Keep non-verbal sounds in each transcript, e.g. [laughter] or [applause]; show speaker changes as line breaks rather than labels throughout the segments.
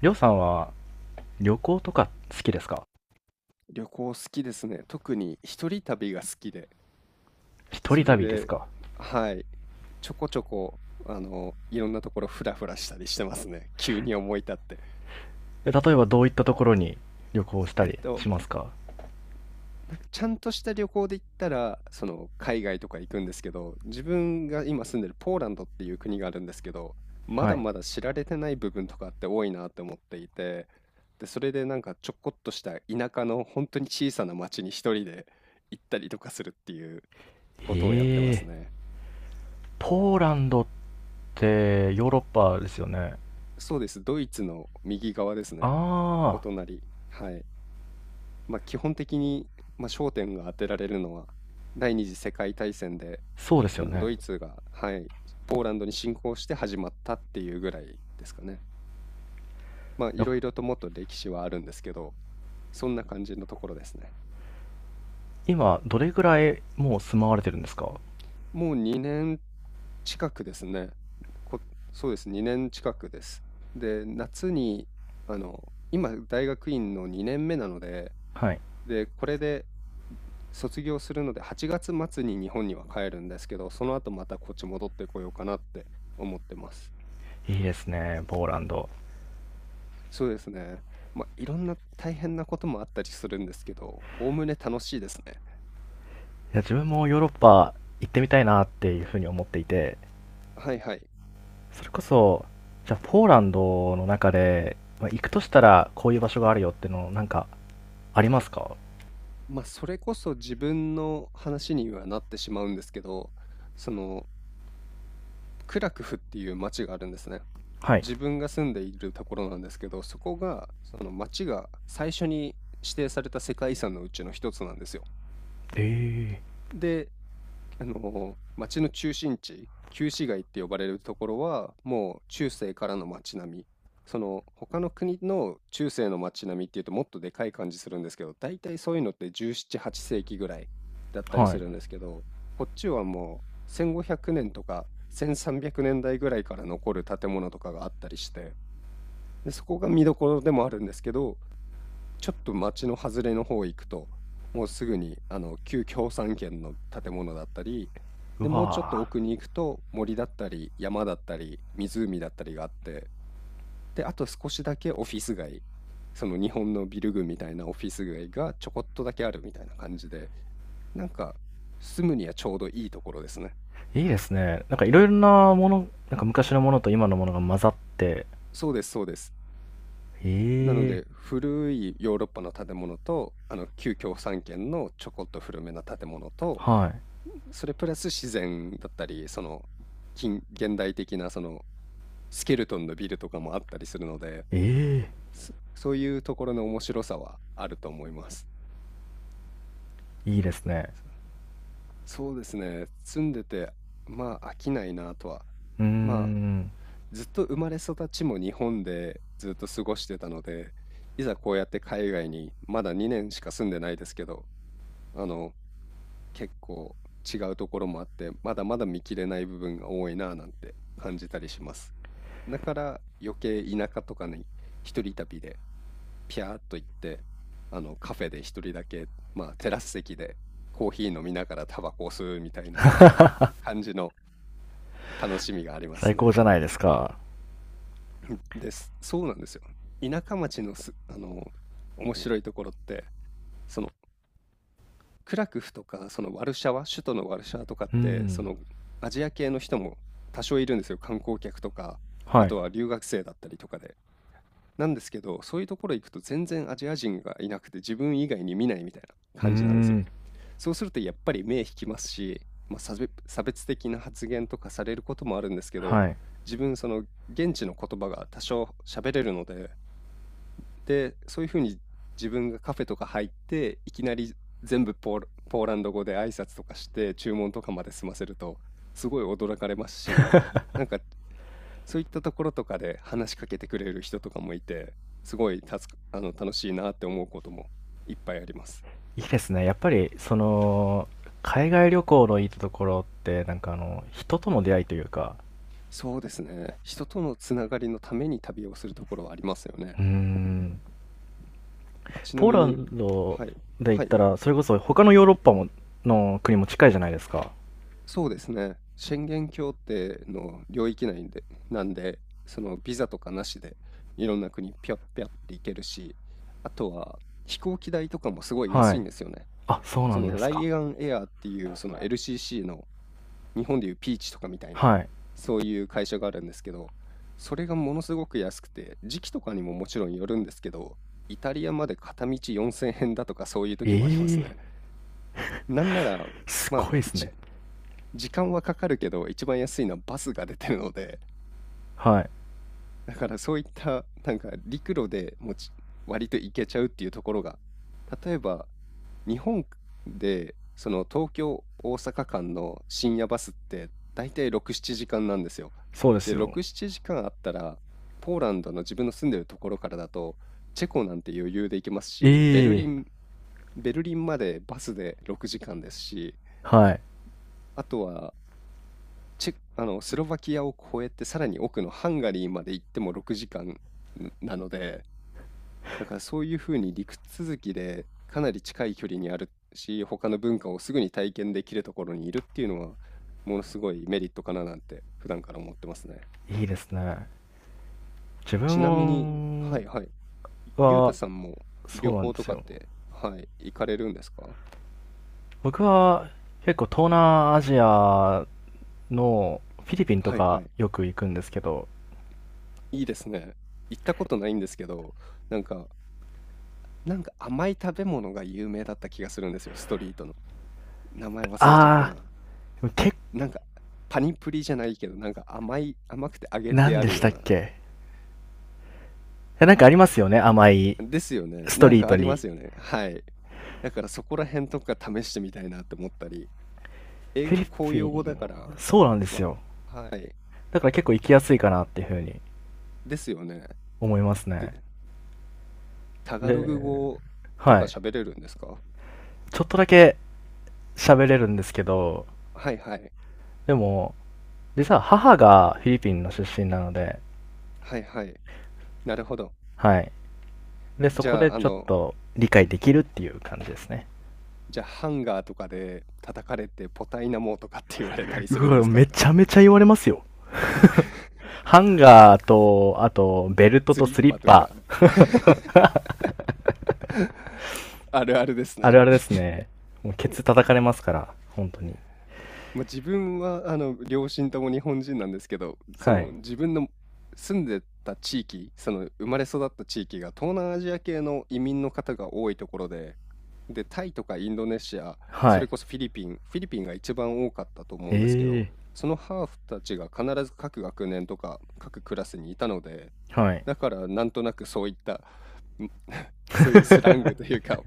りょうさんは旅行とか好きですか？
旅行好きですね。特に一人旅が好きで、
一人
それ
旅です
で、
か？
はい、ちょこちょこ、いろんなところフラフラしたりしてますね。急に思い立って。
例えばどういったところに旅行した
えっ
り
と、
しますか？
なんかちゃんとした旅行で行ったら、海外とか行くんですけど、自分が今住んでるポーランドっていう国があるんですけど、ま
は
だ
い。
まだ知られてない部分とかって多いなって思っていて、で、それでなんかちょこっとした田舎の本当に小さな町に一人で行ったりとかするっていうことをやってます
ええ、
ね。
ポーランドってヨーロッパですよね。
そうです。ドイツの右側ですね。お
ああ、
隣。はい。まあ、基本的に、まあ、焦点が当てられるのは、第二次世界大戦で、
そうですよ
ド
ね。
イツが、はい、ポーランドに侵攻して始まったっていうぐらいですかね。まあ、いろ
な
いろともっと歴史はあるんですけど、そんな感じのところですね。
今、どれぐらいもう住まわれてるんですか？
もう2年近くですね。こ、そうです。2年近くです。で、夏に、あの、今、大学院の2年目なので、
はい。
で、これで、卒業するので8月末に日本には帰るんですけど、その後またこっち戻ってこようかなって思ってます。
いいですね、ポーランド。
そうですね。まあ、いろんな大変なこともあったりするんですけど、おおむね楽しいですね。
いや、自分もヨーロッパ行ってみたいなっていうふうに思っていて、
はいはい。
それこそ、じゃあポーランドの中で、まあ行くとしたらこういう場所があるよっていうのをなんかありますか？
まあ、それこそ自分の話にはなってしまうんですけど、その、クラクフっていう町があるんですね。
はい。
自分が住んでいるところなんですけど、その町が最初に指定された世界遺産のうちの一つなんですよ。
ええ。
で、町の中心地、旧市街って呼ばれるところは、もう中世からの町並み。その他の国の中世の町並みっていうともっとでかい感じするんですけど、大体そういうのって17、8世紀ぐらいだったり
は
す
い。
るんですけど、こっちはもう1500年とか1300年代ぐらいから残る建物とかがあったりして、で、そこが見どころでもあるんですけど、ちょっと街の外れの方行くと、もうすぐにあの旧共産圏の建物だったり、
う
で、もうちょっと
わ
奥に行くと森だったり山だったり湖だったりがあって、で、あと少しだけオフィス街、その日本のビル群みたいなオフィス街がちょこっとだけあるみたいな感じで、なんか住むにはちょうどいいところですね。
ぁ。いいですね。なんかいろいろなもの、なんか昔のものと今のものが混ざって、
そうです、そうです。なの
ええ。
で古いヨーロッパの建物とあの旧共産圏のちょこっと古めな建物と
はい。
それプラス自然だったり、その近現代的なそのスケルトンのビルとかもあったりするので、
え
そういうところの面白さはあると思います。
え、いいですね。
そうですね。住んでて、まあ飽きないなとは。
うー
ま
ん。
あずっと生まれ育ちも日本でずっと過ごしてたので、いざこうやって海外にまだ2年しか住んでないですけど、あの結構違うところもあって、まだまだ見切れない部分が多いなぁなんて感じたりします。だから余計田舎とかに一人旅でピャーっと行って、カフェで一人だけ、まあテラス席でコーヒー飲みながらタバコを吸うみたいな感じの楽しみがありま
最
す
高じ
ね。
ゃないですか。
[laughs] です。そうなんですよ。田舎町のす、あの、面白いところって、そのクラクフとか、そのワルシャワ、首都のワルシャワとかっ
う
て、そ
ん。
のアジア系の人も多少いるんですよ。観光客とか、
は
あ
い。
とは留学生だったりとかで。なんですけど、そういうところ行くと全然アジア人がいなくて自分以外に見ないみたいな
うー
感じなんですよ。
ん。
そうするとやっぱり目引きますし、まあ、差別的な発言とかされることもあるんですけど、
はい。
自分その現地の言葉が多少喋れるので、で、そういうふうに自分がカフェとか入っていきなり全部ポーランド語で挨拶とかして注文とかまで済ませるとすごい驚かれますし、なんかそういったところとかで話しかけてくれる人とかもいて、すごい助かあの楽しいなって思うこともいっぱいあります。
いいですね。やっぱり、その、海外旅行のいいところって、なんかあの、人との出会いというか、
そうですね。人とのつながりのために旅をするところはありますよね。
うーん。
ちな
ポー
み
ラ
に、
ンド
はい、
で言っ
はい、
たら、それこそ他のヨーロッパもの国も近いじゃないですか。
そうですね。宣言協定の領域内で、なんで、そのビザとかなしでいろんな国ピョッピョッって行けるし、あとは飛行機代とかもすごい
は
安い
い。
んですよね。
あ、そうな
そ
ん
の
です
ラ
か？
イアンエアーっていうその LCC の日本でいうピーチとかみたいな、
はい。
そういう会社があるんですけど、それがものすごく安くて、時期とかにももちろんよるんですけど、イタリアまで片道4000円だとかそういう
え
時
え
もありますね。
ー、
なんなら、
す
まあ、
ごいです
一
ね。
時間はかかるけど、一番安いのはバスが出てるので、
はい。
だからそういった、なんか陸路でも割と行けちゃうっていうところが、例えば日本でその東京大阪間の深夜バスって大体6、7時間なんですよ。
そうです
で、
よ。
6、7時間あったら、ポーランドの自分の住んでるところからだと、チェコなんて余裕で行けます
え
し、
えー。
ベルリンまでバスで6時間ですし、
はい。
あとはチェ、あの、スロバキアを越えてさらに奥のハンガリーまで行っても6時間なので、だからそういうふうに陸続きでかなり近い距離にあるし、他の文化をすぐに体験できるところにいるっていうのは、ものすごいメリットかななんて普段から思ってますね。
いいですね。自
ちなみに、
分
はいはい。ゆうた
は、
さんも
そ
旅
うなん
行
で
と
す
かっ
よ。
て、はい、行かれるんですか？
僕は結構東南アジアのフィリピンと
はいは
か
い。
よく行くんですけど、
いいですね。行ったことないんですけど、なんか、なんか甘い食べ物が有名だった気がするんですよ、ストリートの。名前忘れちゃった
あ
な。
ー、
なんか、パニプリじゃないけど、なんか甘くて揚げて
何
あ
で
る
し
よ
た
う
っ
な
け？いや、なんかありますよね、甘い
ですよね。
スト
なん
リー
か
ト
ありま
に。
すよね。はい。だからそこら辺とか試してみたいなって思ったり、英
フィ
語
リ
公用
ピ
語
ン
だか
は、
ら、
そうなんです
わ、
よ。
はい。
だから結構行きやすいかなっていうふうに
ですよね。
思いますね。
で、タガログ
で、
語と
は
か
い。
喋れるんですか？
ちょっとだけ喋れるんですけど、
はいはい。
でも、実は母がフィリピンの出身なので、
はいはい。なるほど。
はい。で、そ
じ
こ
ゃ
で
あ、あ
ちょっ
の、
と理解できるっていう感じですね。
じゃあハンガーとかで叩かれてポタイナモとかって言われたりす
う
るんで
わ、
す
め
か？
ちゃめちゃ言われますよ。ハンガーと、あと、ベルト
ス
と
リッ
スリ
パ
ッ
と
パ。
か [laughs] あるあるです
あ
ね。
るあるですね。もうケツ叩かれますから、本当に。
まあ、自分は、両親とも日本人なんですけど、
はい。
自分の住んでた地域、生まれ育った地域が東南アジア系の移民の方が多いところで、で、タイとかインドネシア、
は
それ
い。
こそフィリピンが一番多かったと思
え
うんですけど、
えー。
そのハーフたちが必ず各学年とか各クラスにいたので、
はい。
だからなんとなくそういった、そういうスラングというか、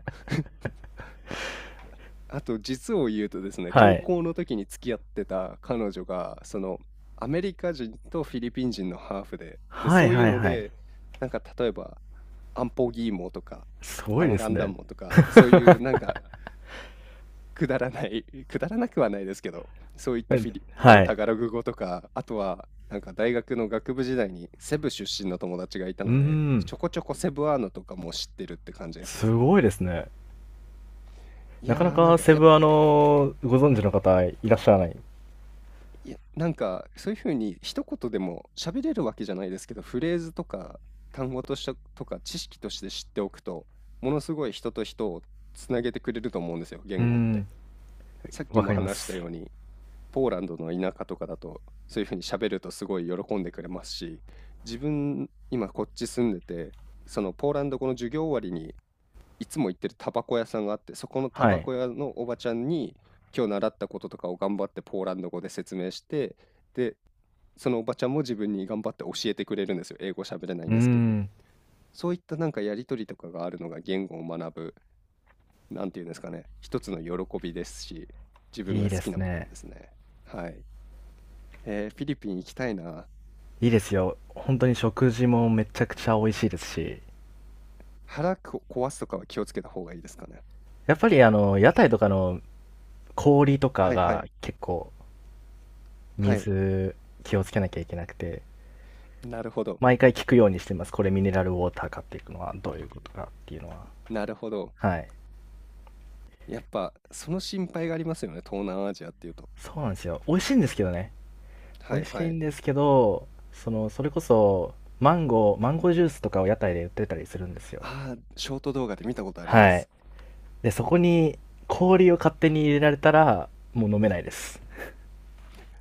あと実を言うとですね、
は
高
い。
校の時に付き合ってた彼女が、そのアメリカ人とフィリピン人のハーフで、で、
は
そ
い
ういう
はい
の
はい。
で、なんか例えば、アンポギーモとか、
すご
ア
い
ン
で
ガ
す
ンダ
ね。
モとか、そういうなんかくだらない、[laughs] くだらなくはないですけど、そういった
え、
フィリ、あ
は
の
い。
タガログ語とか、あとはなんか大学の学部時代にセブ出身の友達がいた
うー
ので、
ん。
ちょこちょこセブアーノとかも知ってるって感じです
す
ね。
ごいですね。
い
なかな
やーなん
か
か
セ
やっ
ブ、あの、ご存知の方いらっしゃらない。う
いや、なんか、そういう風に一言でも喋れるわけじゃないですけど、フレーズとか単語としてとか知識として知っておくと、ものすごい人と人をつなげてくれると思うんですよ、
ー
言語って。
ん、
さっき
わ
も
かりま
話した
す。
ように、ポーランドの田舎とかだと、そういう風に喋るとすごい喜んでくれますし、自分、今こっち住んでて、そのポーランド語の授業終わりに、いつも行ってるタバコ屋さんがあって、そこのタ
は
バ
い。
コ屋のおばちゃんに、今日習ったこととかを頑張ってポーランド語で説明して、で、そのおばちゃんも自分に頑張って教えてくれるんですよ。英語喋れない
う
ん
ー
ですけど。
ん、
そういったなんかやりとりとかがあるのが言語を学ぶ、なんていうんですかね、一つの喜びですし、自分
いい
が好
で
き
す
な部分
ね。
ですね。はい。フィリピン行きたいな。
いいですよ。ほんとに食事もめちゃくちゃ美味しいですし、
腹壊すとかは気をつけた方がいいですかね。
やっぱりあの、屋台とかの氷とか
はいは
が
い。
結構、
はい。
水気をつけなきゃいけなくて、
なるほど。
毎回聞くようにしてます。これミネラルウォーターかっていうのはどういうことかっていうのは。
なるほど。
はい。
やっぱ、その心配がありますよね。東南アジアっていうと。
そうなんですよ。美味しいんですけどね。
は
美
い
味し
は
い
い。
んですけど、その、それこそ、マンゴー、マンゴージュースとかを屋台で売ってたりするんですよ。
ああ、ショート動画で見たことありま
はい。
す。
で、そこに氷を勝手に入れられたら、もう飲めないです。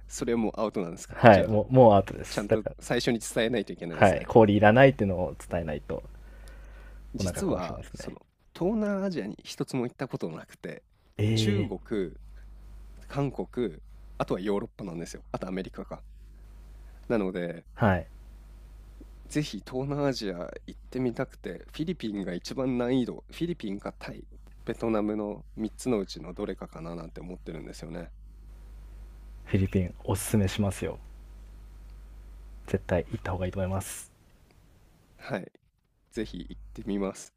それはもうアウトなんですか？
は
じゃ
い、
あ、
もう、もうアウトで
ちゃ
す。
ん
だ
と
から、
最初に伝えないといけないで
は
す
い、
ね。
氷いらないっていうのを伝えないと、お腹
実
壊し
は
ます
そ
ね。
の東南アジアに一つも行ったことなくて、中
ええ。
国、韓国、あとはヨーロッパなんですよ。あとアメリカか。なので、
はい。
ぜひ東南アジア行ってみたくて、フィリピンが一番難易度、フィリピンかタイ、ベトナムの3つのうちのどれかかななんて思ってるんですよね。
フィリピン、おすすめしますよ。絶対行った方がいいと思います。
はい、ぜひ行ってみます。